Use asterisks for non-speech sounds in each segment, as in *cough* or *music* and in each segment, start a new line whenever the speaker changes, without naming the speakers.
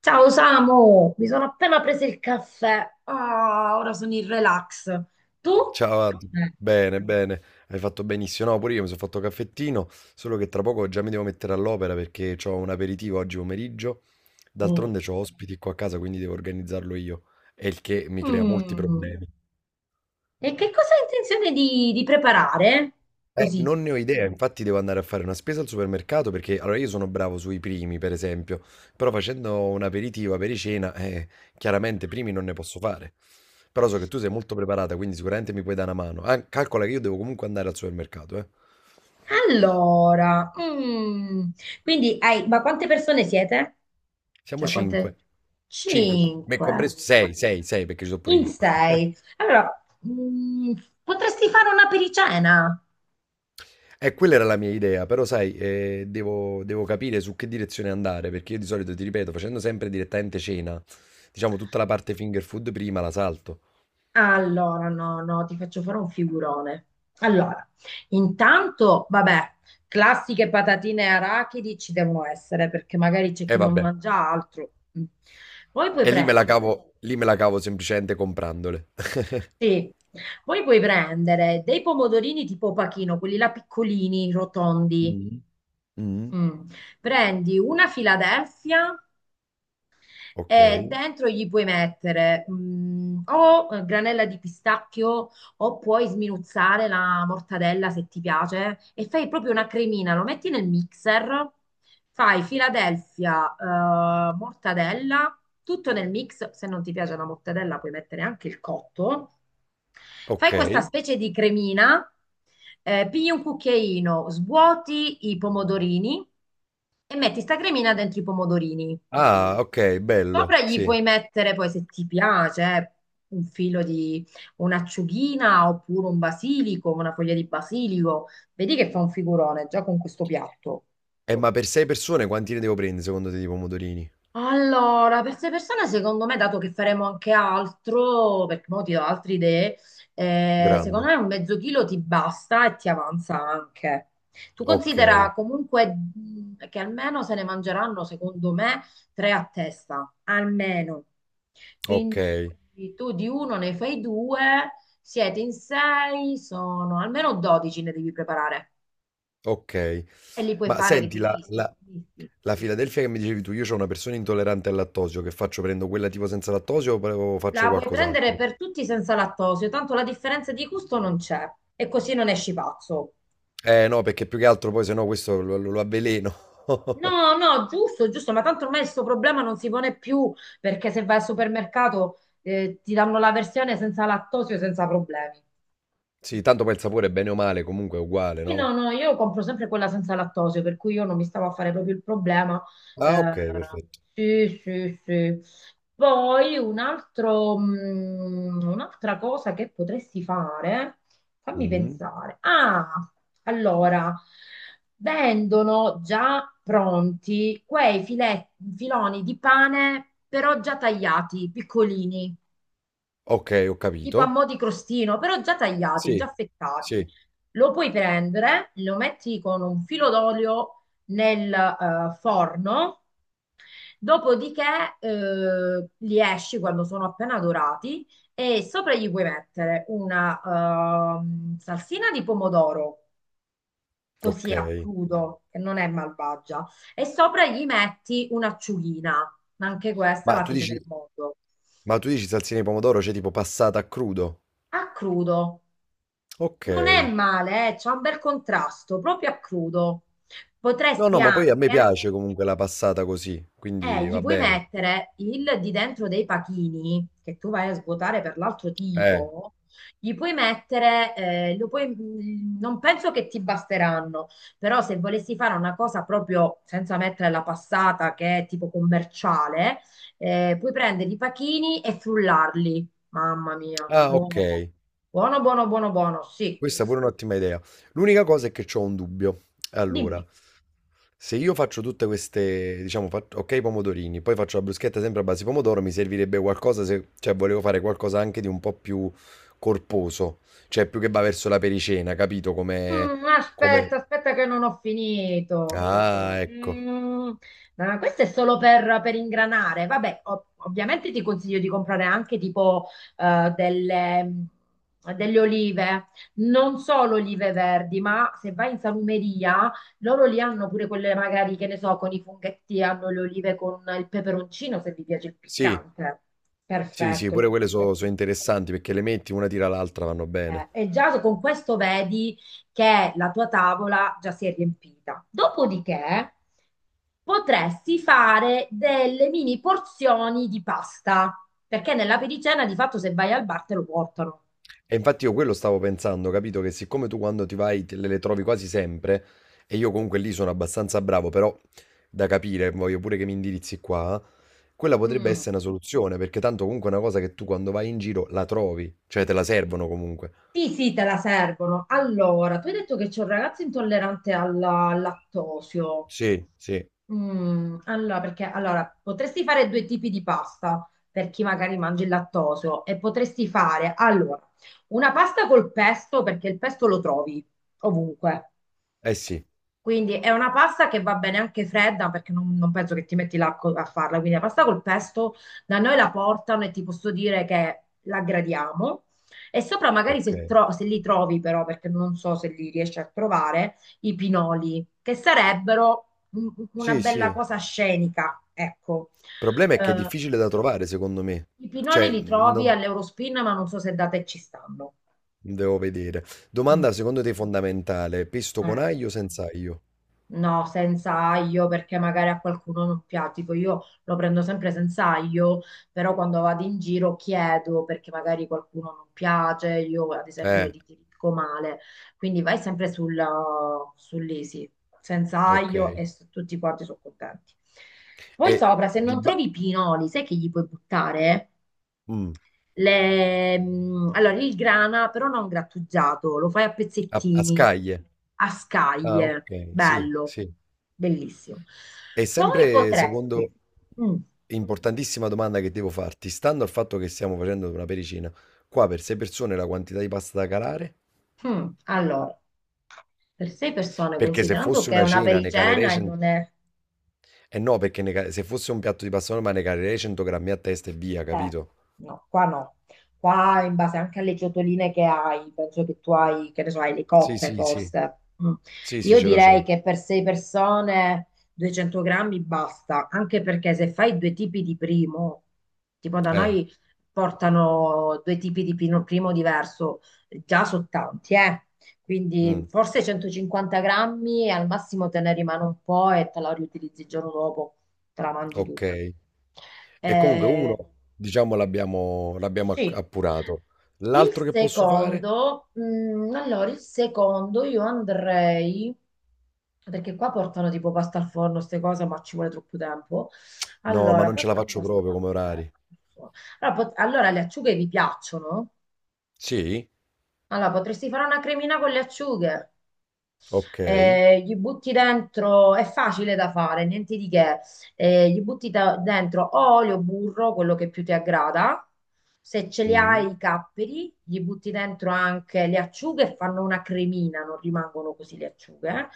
Ciao Samu, mi sono appena preso il caffè. Ah, ora sono in relax. Tu?
Ciao, Adu.
Eh,
Bene, bene, hai fatto benissimo. No, pure io mi sono fatto caffettino, solo che tra poco già mi devo mettere all'opera perché ho un aperitivo oggi pomeriggio.
oh.
D'altronde ho ospiti qua a casa, quindi devo organizzarlo io, e il che mi crea molti
Mm.
problemi.
E che cosa hai intenzione di preparare? Così.
Non ne ho idea, infatti devo andare a fare una spesa al supermercato perché allora io sono bravo sui primi, per esempio, però facendo un aperitivo, apericena, chiaramente primi non ne posso fare. Però so che tu sei molto preparata, quindi sicuramente mi puoi dare una mano. Ah, calcola che io devo comunque andare al supermercato, eh.
Allora, mm. Quindi hai, ma quante persone siete?
Siamo
Cioè, quante?
cinque. Cinque, me
Cinque.
compreso, sei, sei, sei, perché ci sono pure
In
io.
sei. Allora, mm, potresti fare una pericena?
E quella era la mia idea, però sai, devo capire su che direzione andare, perché io di solito, ti ripeto, facendo sempre direttamente cena, diciamo tutta la parte finger food prima la salto.
Allora, no, no, ti faccio fare un figurone. Allora, intanto, vabbè, classiche patatine e arachidi ci devono essere perché magari c'è
E
chi non
vabbè,
mangia altro. Mm. Poi puoi
e lì me la
prendere,
cavo, lì me la cavo semplicemente comprandole. *laughs*
sì, poi puoi prendere dei pomodorini tipo pachino, quelli là piccolini, rotondi.
Mm. Mm,
Mm. Prendi una Philadelphia.
ok,
E dentro gli puoi mettere mm, o granella di pistacchio o puoi sminuzzare la mortadella se ti piace e fai proprio una cremina, lo metti nel mixer, fai Philadelphia, mortadella, tutto nel mix. Se non ti piace la mortadella puoi mettere anche il cotto, fai
ok.
questa specie di cremina, pigli un cucchiaino, svuoti i pomodorini e metti sta cremina dentro i pomodorini.
Ah, ok, bello,
Sopra gli
sì.
puoi mettere poi, se ti piace, un filo di un'acciughina oppure un basilico, una foglia di basilico. Vedi che fa un figurone già con questo piatto.
E ma per sei persone quanti ne devo prendere secondo te di pomodorini?
Allora, per queste persone, secondo me, dato che faremo anche altro, perché mo ti do altre idee, secondo
Grande.
me un mezzo chilo ti basta e ti avanza anche. Tu
Ok,
considera comunque che almeno se ne mangeranno, secondo me, tre a testa, almeno.
ok.
Quindi tu di uno ne fai due, siete in sei, sono almeno 12 ne devi preparare,
Okay.
e li puoi
Ma
fare
senti la
divisi.
la
divisi.
la Philadelphia che mi dicevi tu, io c'ho una persona intollerante al lattosio, che faccio? Prendo quella tipo senza lattosio o faccio
La puoi
qualcos'altro?
prendere per tutti senza lattosio, tanto la differenza di gusto non c'è e così non esci pazzo.
Eh no, perché più che altro poi se no questo lo avveleno. *laughs*
No, no, giusto, giusto, ma tanto ormai questo problema non si pone più perché se vai al supermercato ti danno la versione senza lattosio, senza problemi.
Sì, tanto poi il sapore bene o male comunque è uguale,
Sì, no,
no?
no, io compro sempre quella senza lattosio, per cui io non mi stavo a fare proprio il problema.
Ah,
Eh,
okay, perfetto.
sì, sì, sì. Poi un altro, un'altra cosa che potresti fare, fammi
Mh-mh.
pensare. Ah, allora, vendono già pronti quei filoni di pane, però già tagliati, piccolini,
Okay, ho
tipo a
capito.
mo' di crostino, però già tagliati, già
Sì,
affettati.
sì,
Lo puoi prendere, lo metti con un filo d'olio nel forno, dopodiché li esci quando sono appena dorati e sopra gli puoi mettere una salsina di pomodoro. Così a
okay.
crudo, che non è malvagia, e sopra gli metti un'acciughina, ma anche questa è
Ma
la
tu
fine del
dici
mondo.
ma tu dici salsina di pomodoro, cioè tipo passata a crudo?
A crudo. Non è
Okay.
male, c'è un bel contrasto, proprio a crudo.
No,
Potresti
no, ma poi a me
anche,
piace comunque la passata così, quindi
gli
va
puoi
bene.
mettere il di dentro dei pachini, che tu vai a svuotare per l'altro
Eh,
tipo, gli puoi mettere, non penso che ti basteranno, però se volessi fare una cosa proprio senza mettere la passata, che è tipo commerciale, puoi prendere i pachini e frullarli. Mamma mia,
ah, ok.
buono, buono, buono, buono, buono, sì.
Questa è pure un'ottima idea. L'unica cosa è che ho un dubbio.
Dimmi.
Allora, se io faccio tutte queste, diciamo, ok, pomodorini, poi faccio la bruschetta sempre a base di pomodoro, mi servirebbe qualcosa se, cioè, volevo fare qualcosa anche di un po' più corposo, cioè più che va verso la pericena, capito? Come,
Mm, aspetta,
come...
aspetta che non ho finito.
Ah, ecco.
Mm, ah, questo è solo per ingranare. Vabbè, ovviamente ti consiglio di comprare anche tipo eh, delle, mm, delle olive, non solo olive verdi, ma se vai in salumeria, loro li hanno pure quelle magari, che ne so, con i funghetti, hanno le olive con il peperoncino, se vi piace il
Sì,
piccante.
sì, sì, pure
Perfetto.
quelle sono interessanti perché le metti una tira l'altra, vanno bene.
E già con questo vedi che la tua tavola già si è riempita. Dopodiché potresti fare delle mini porzioni di pasta, perché nella pericena di fatto se vai al bar te lo portano.
E infatti io quello stavo pensando, capito? Che siccome tu quando ti vai te le trovi quasi sempre, e io comunque lì sono abbastanza bravo, però da capire, voglio pure che mi indirizzi qua, quella potrebbe
Mm.
essere una soluzione, perché tanto comunque è una cosa che tu quando vai in giro la trovi, cioè te la servono comunque.
Sì, sì, te la servono. Allora, tu hai detto che c'è un ragazzo intollerante al lattosio.
Sì, sì,
Mm, allora, perché allora, potresti fare due tipi di pasta per chi magari mangia il lattosio e potresti fare allora una pasta col pesto perché il pesto lo trovi ovunque.
eh sì,
Quindi è una pasta che va bene anche fredda perché non penso che ti metti là a farla. Quindi la pasta col pesto da noi la portano e ti posso dire che la gradiamo. E sopra magari
ok.
se, se li trovi però, perché non so se li riesci a trovare, i pinoli, che sarebbero una
Sì, sì.
bella
Il
cosa scenica, ecco.
problema è che è
Eh,
difficile da trovare, secondo me.
i pinoli
Cioè,
li trovi
non
all'Eurospin, ma non so se da te ci stanno.
devo vedere.
Mm.
Domanda secondo te fondamentale, pesto con
Eh.
aglio o senza aglio?
No, senza aglio perché magari a qualcuno non piace. Tipo io lo prendo sempre senza aglio, però quando vado in giro chiedo perché magari qualcuno non piace, io ad esempio lo
Eh,
dico male. Quindi vai sempre sull'easy, senza
ok.
aglio e tutti quanti sono contenti. Poi
E
sopra, se
di
non
ba-
trovi i pinoli, sai che gli puoi buttare?
Mh,
Allora, il grana, però non grattugiato, lo fai a
a
pezzettini,
scaglie.
a
Ah,
scaglie,
okay, sì,
bello,
sì.
bellissimo.
E
Poi
sempre
potresti,
secondo
mm,
importantissima domanda che devo farti, stando al fatto che stiamo facendo una pericina, qua per 6 persone la quantità di pasta da calare?
allora, per sei persone,
Perché se
considerando
fosse
che è
una
una
cena ne calerei
pericena e
cen
non è...
eh no, perché ne ca se fosse un piatto di pasta normale ne calerei 100 grammi a testa e via,
Ecco,
capito?
no, qua no. Qua in base anche alle ciotoline che hai, penso che tu hai, che ne so, hai le
Sì,
coppe
sì, sì.
forse. Mm.
Sì, sì,
Io
ce l'ho, ce
direi
l'ho.
che per sei persone 200 grammi basta, anche perché se fai due tipi di primo, tipo da
Eh,
noi portano due tipi di primo diverso, già sono tanti, eh.
mh,
Quindi forse 150 grammi e al massimo te ne rimane un po' e te la riutilizzi il giorno dopo, te la mangi tu.
okay. E comunque uno
Eh,
diciamo l'abbiamo acc
sì.
appurato.
Il
L'altro che posso fare?
secondo, allora il secondo io andrei, perché qua portano tipo pasta al forno, queste cose, ma ci vuole troppo tempo.
No, ma
Allora,
non ce la
questa è
faccio
pasta
proprio
al
come orari.
forno. Allora, allora, le acciughe vi piacciono?
Sì?
Allora, potresti fare una cremina con le acciughe,
Ok.
gli butti dentro, è facile da fare, niente di che, gli butti dentro o olio, burro, quello che più ti aggrada, se ce li hai
Mm.
i capperi, gli butti dentro anche le acciughe e fanno una cremina, non rimangono così le acciughe,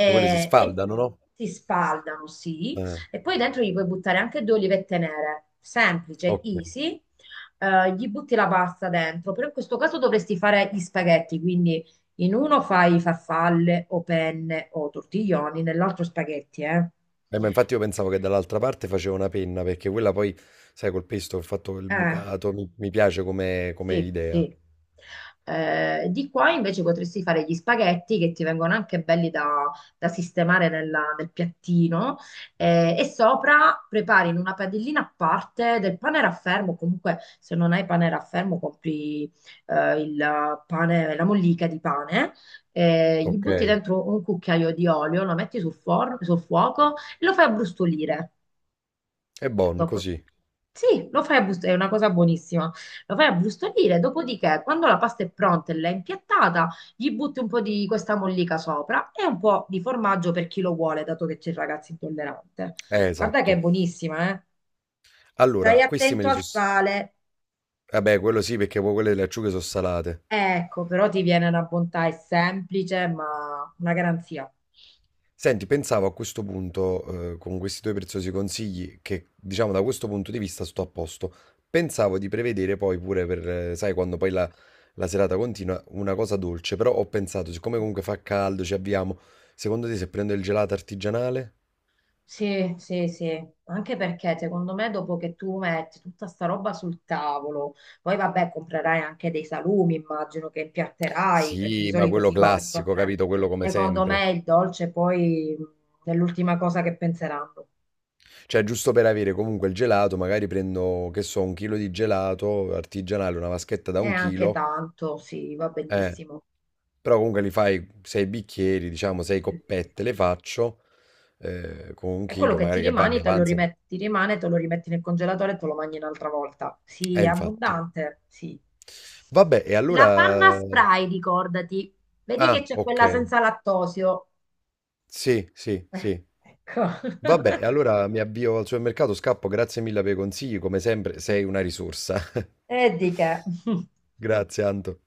Che quelle si
Eh,
sfaldano, no?
e si spaldano, sì,
Eh,
e poi dentro gli puoi buttare anche due olivette nere, semplice,
ok.
easy, gli butti la pasta dentro, però in questo caso dovresti fare gli spaghetti, quindi in uno fai farfalle o penne o tortiglioni, nell'altro spaghetti, eh?
Ma infatti io pensavo che dall'altra parte facevo una penna, perché quella poi, sai, col pesto ho fatto il
Eh.
bucato, mi piace come
Sì,
idea.
sì. Di qua invece potresti fare gli spaghetti che ti vengono anche belli da sistemare nel piattino, e sopra prepari in una padellina a parte del pane raffermo. Comunque se non hai pane raffermo compri il pane, la mollica di pane, gli
Ok.
butti dentro un cucchiaio di olio, lo metti sul, sul fuoco e lo fai abbrustolire.
È buono
Dopo...
così.
Sì, lo fai a brustolire, è una cosa buonissima. Lo fai a brustolire, dopodiché, quando la pasta è pronta e l'hai impiattata, gli butti un po' di questa mollica sopra e un po' di formaggio per chi lo vuole, dato che c'è il ragazzo intollerante. Guarda che è
Esatto.
buonissima, eh?
Allora,
Stai
questi me
attento
li
al
sono.
sale.
Vabbè, quello sì, perché poi quelle delle acciughe sono salate.
Ecco, però ti viene una bontà, è semplice, ma una garanzia.
Senti, pensavo a questo punto, con questi tuoi preziosi consigli, che diciamo da questo punto di vista sto a posto. Pensavo di prevedere poi pure per, sai, quando poi la serata continua, una cosa dolce, però ho pensato, siccome comunque fa caldo, ci abbiamo, secondo te se prendo il gelato artigianale?
Sì, sì, sì, anche perché secondo me dopo che tu metti tutta sta roba sul tavolo, poi vabbè comprerai anche dei salumi, immagino che impiatterai, perché di
Sì, ma
solito
quello
si compra,
classico,
eh.
capito? Quello come
Secondo me
sempre.
il dolce poi è l'ultima cosa che penseranno.
Cioè, giusto per avere comunque il gelato, magari prendo, che so, un chilo di gelato artigianale, una vaschetta da
E
un
anche
chilo.
tanto, sì, va
Eh,
benissimo.
Però comunque li fai 6 bicchieri, diciamo 6
Eh,
coppette le faccio, con un
E quello
chilo
che ti
magari che va, mi
rimane, te lo
avanzano.
rimetti, ti rimane, te lo rimetti nel congelatore e te lo mangi un'altra volta. Sì, è
Infatti.
abbondante, sì.
Vabbè, e
La panna
allora.
spray, ricordati. Vedi che
Ah,
c'è
ok.
quella senza lattosio.
Sì, sì,
Eh,
sì.
ecco.
Vabbè, e
*laughs*
allora mi avvio al supermercato, scappo, grazie mille per i consigli, come sempre sei una risorsa.
E di che? *laughs*
*laughs* Grazie, Anto.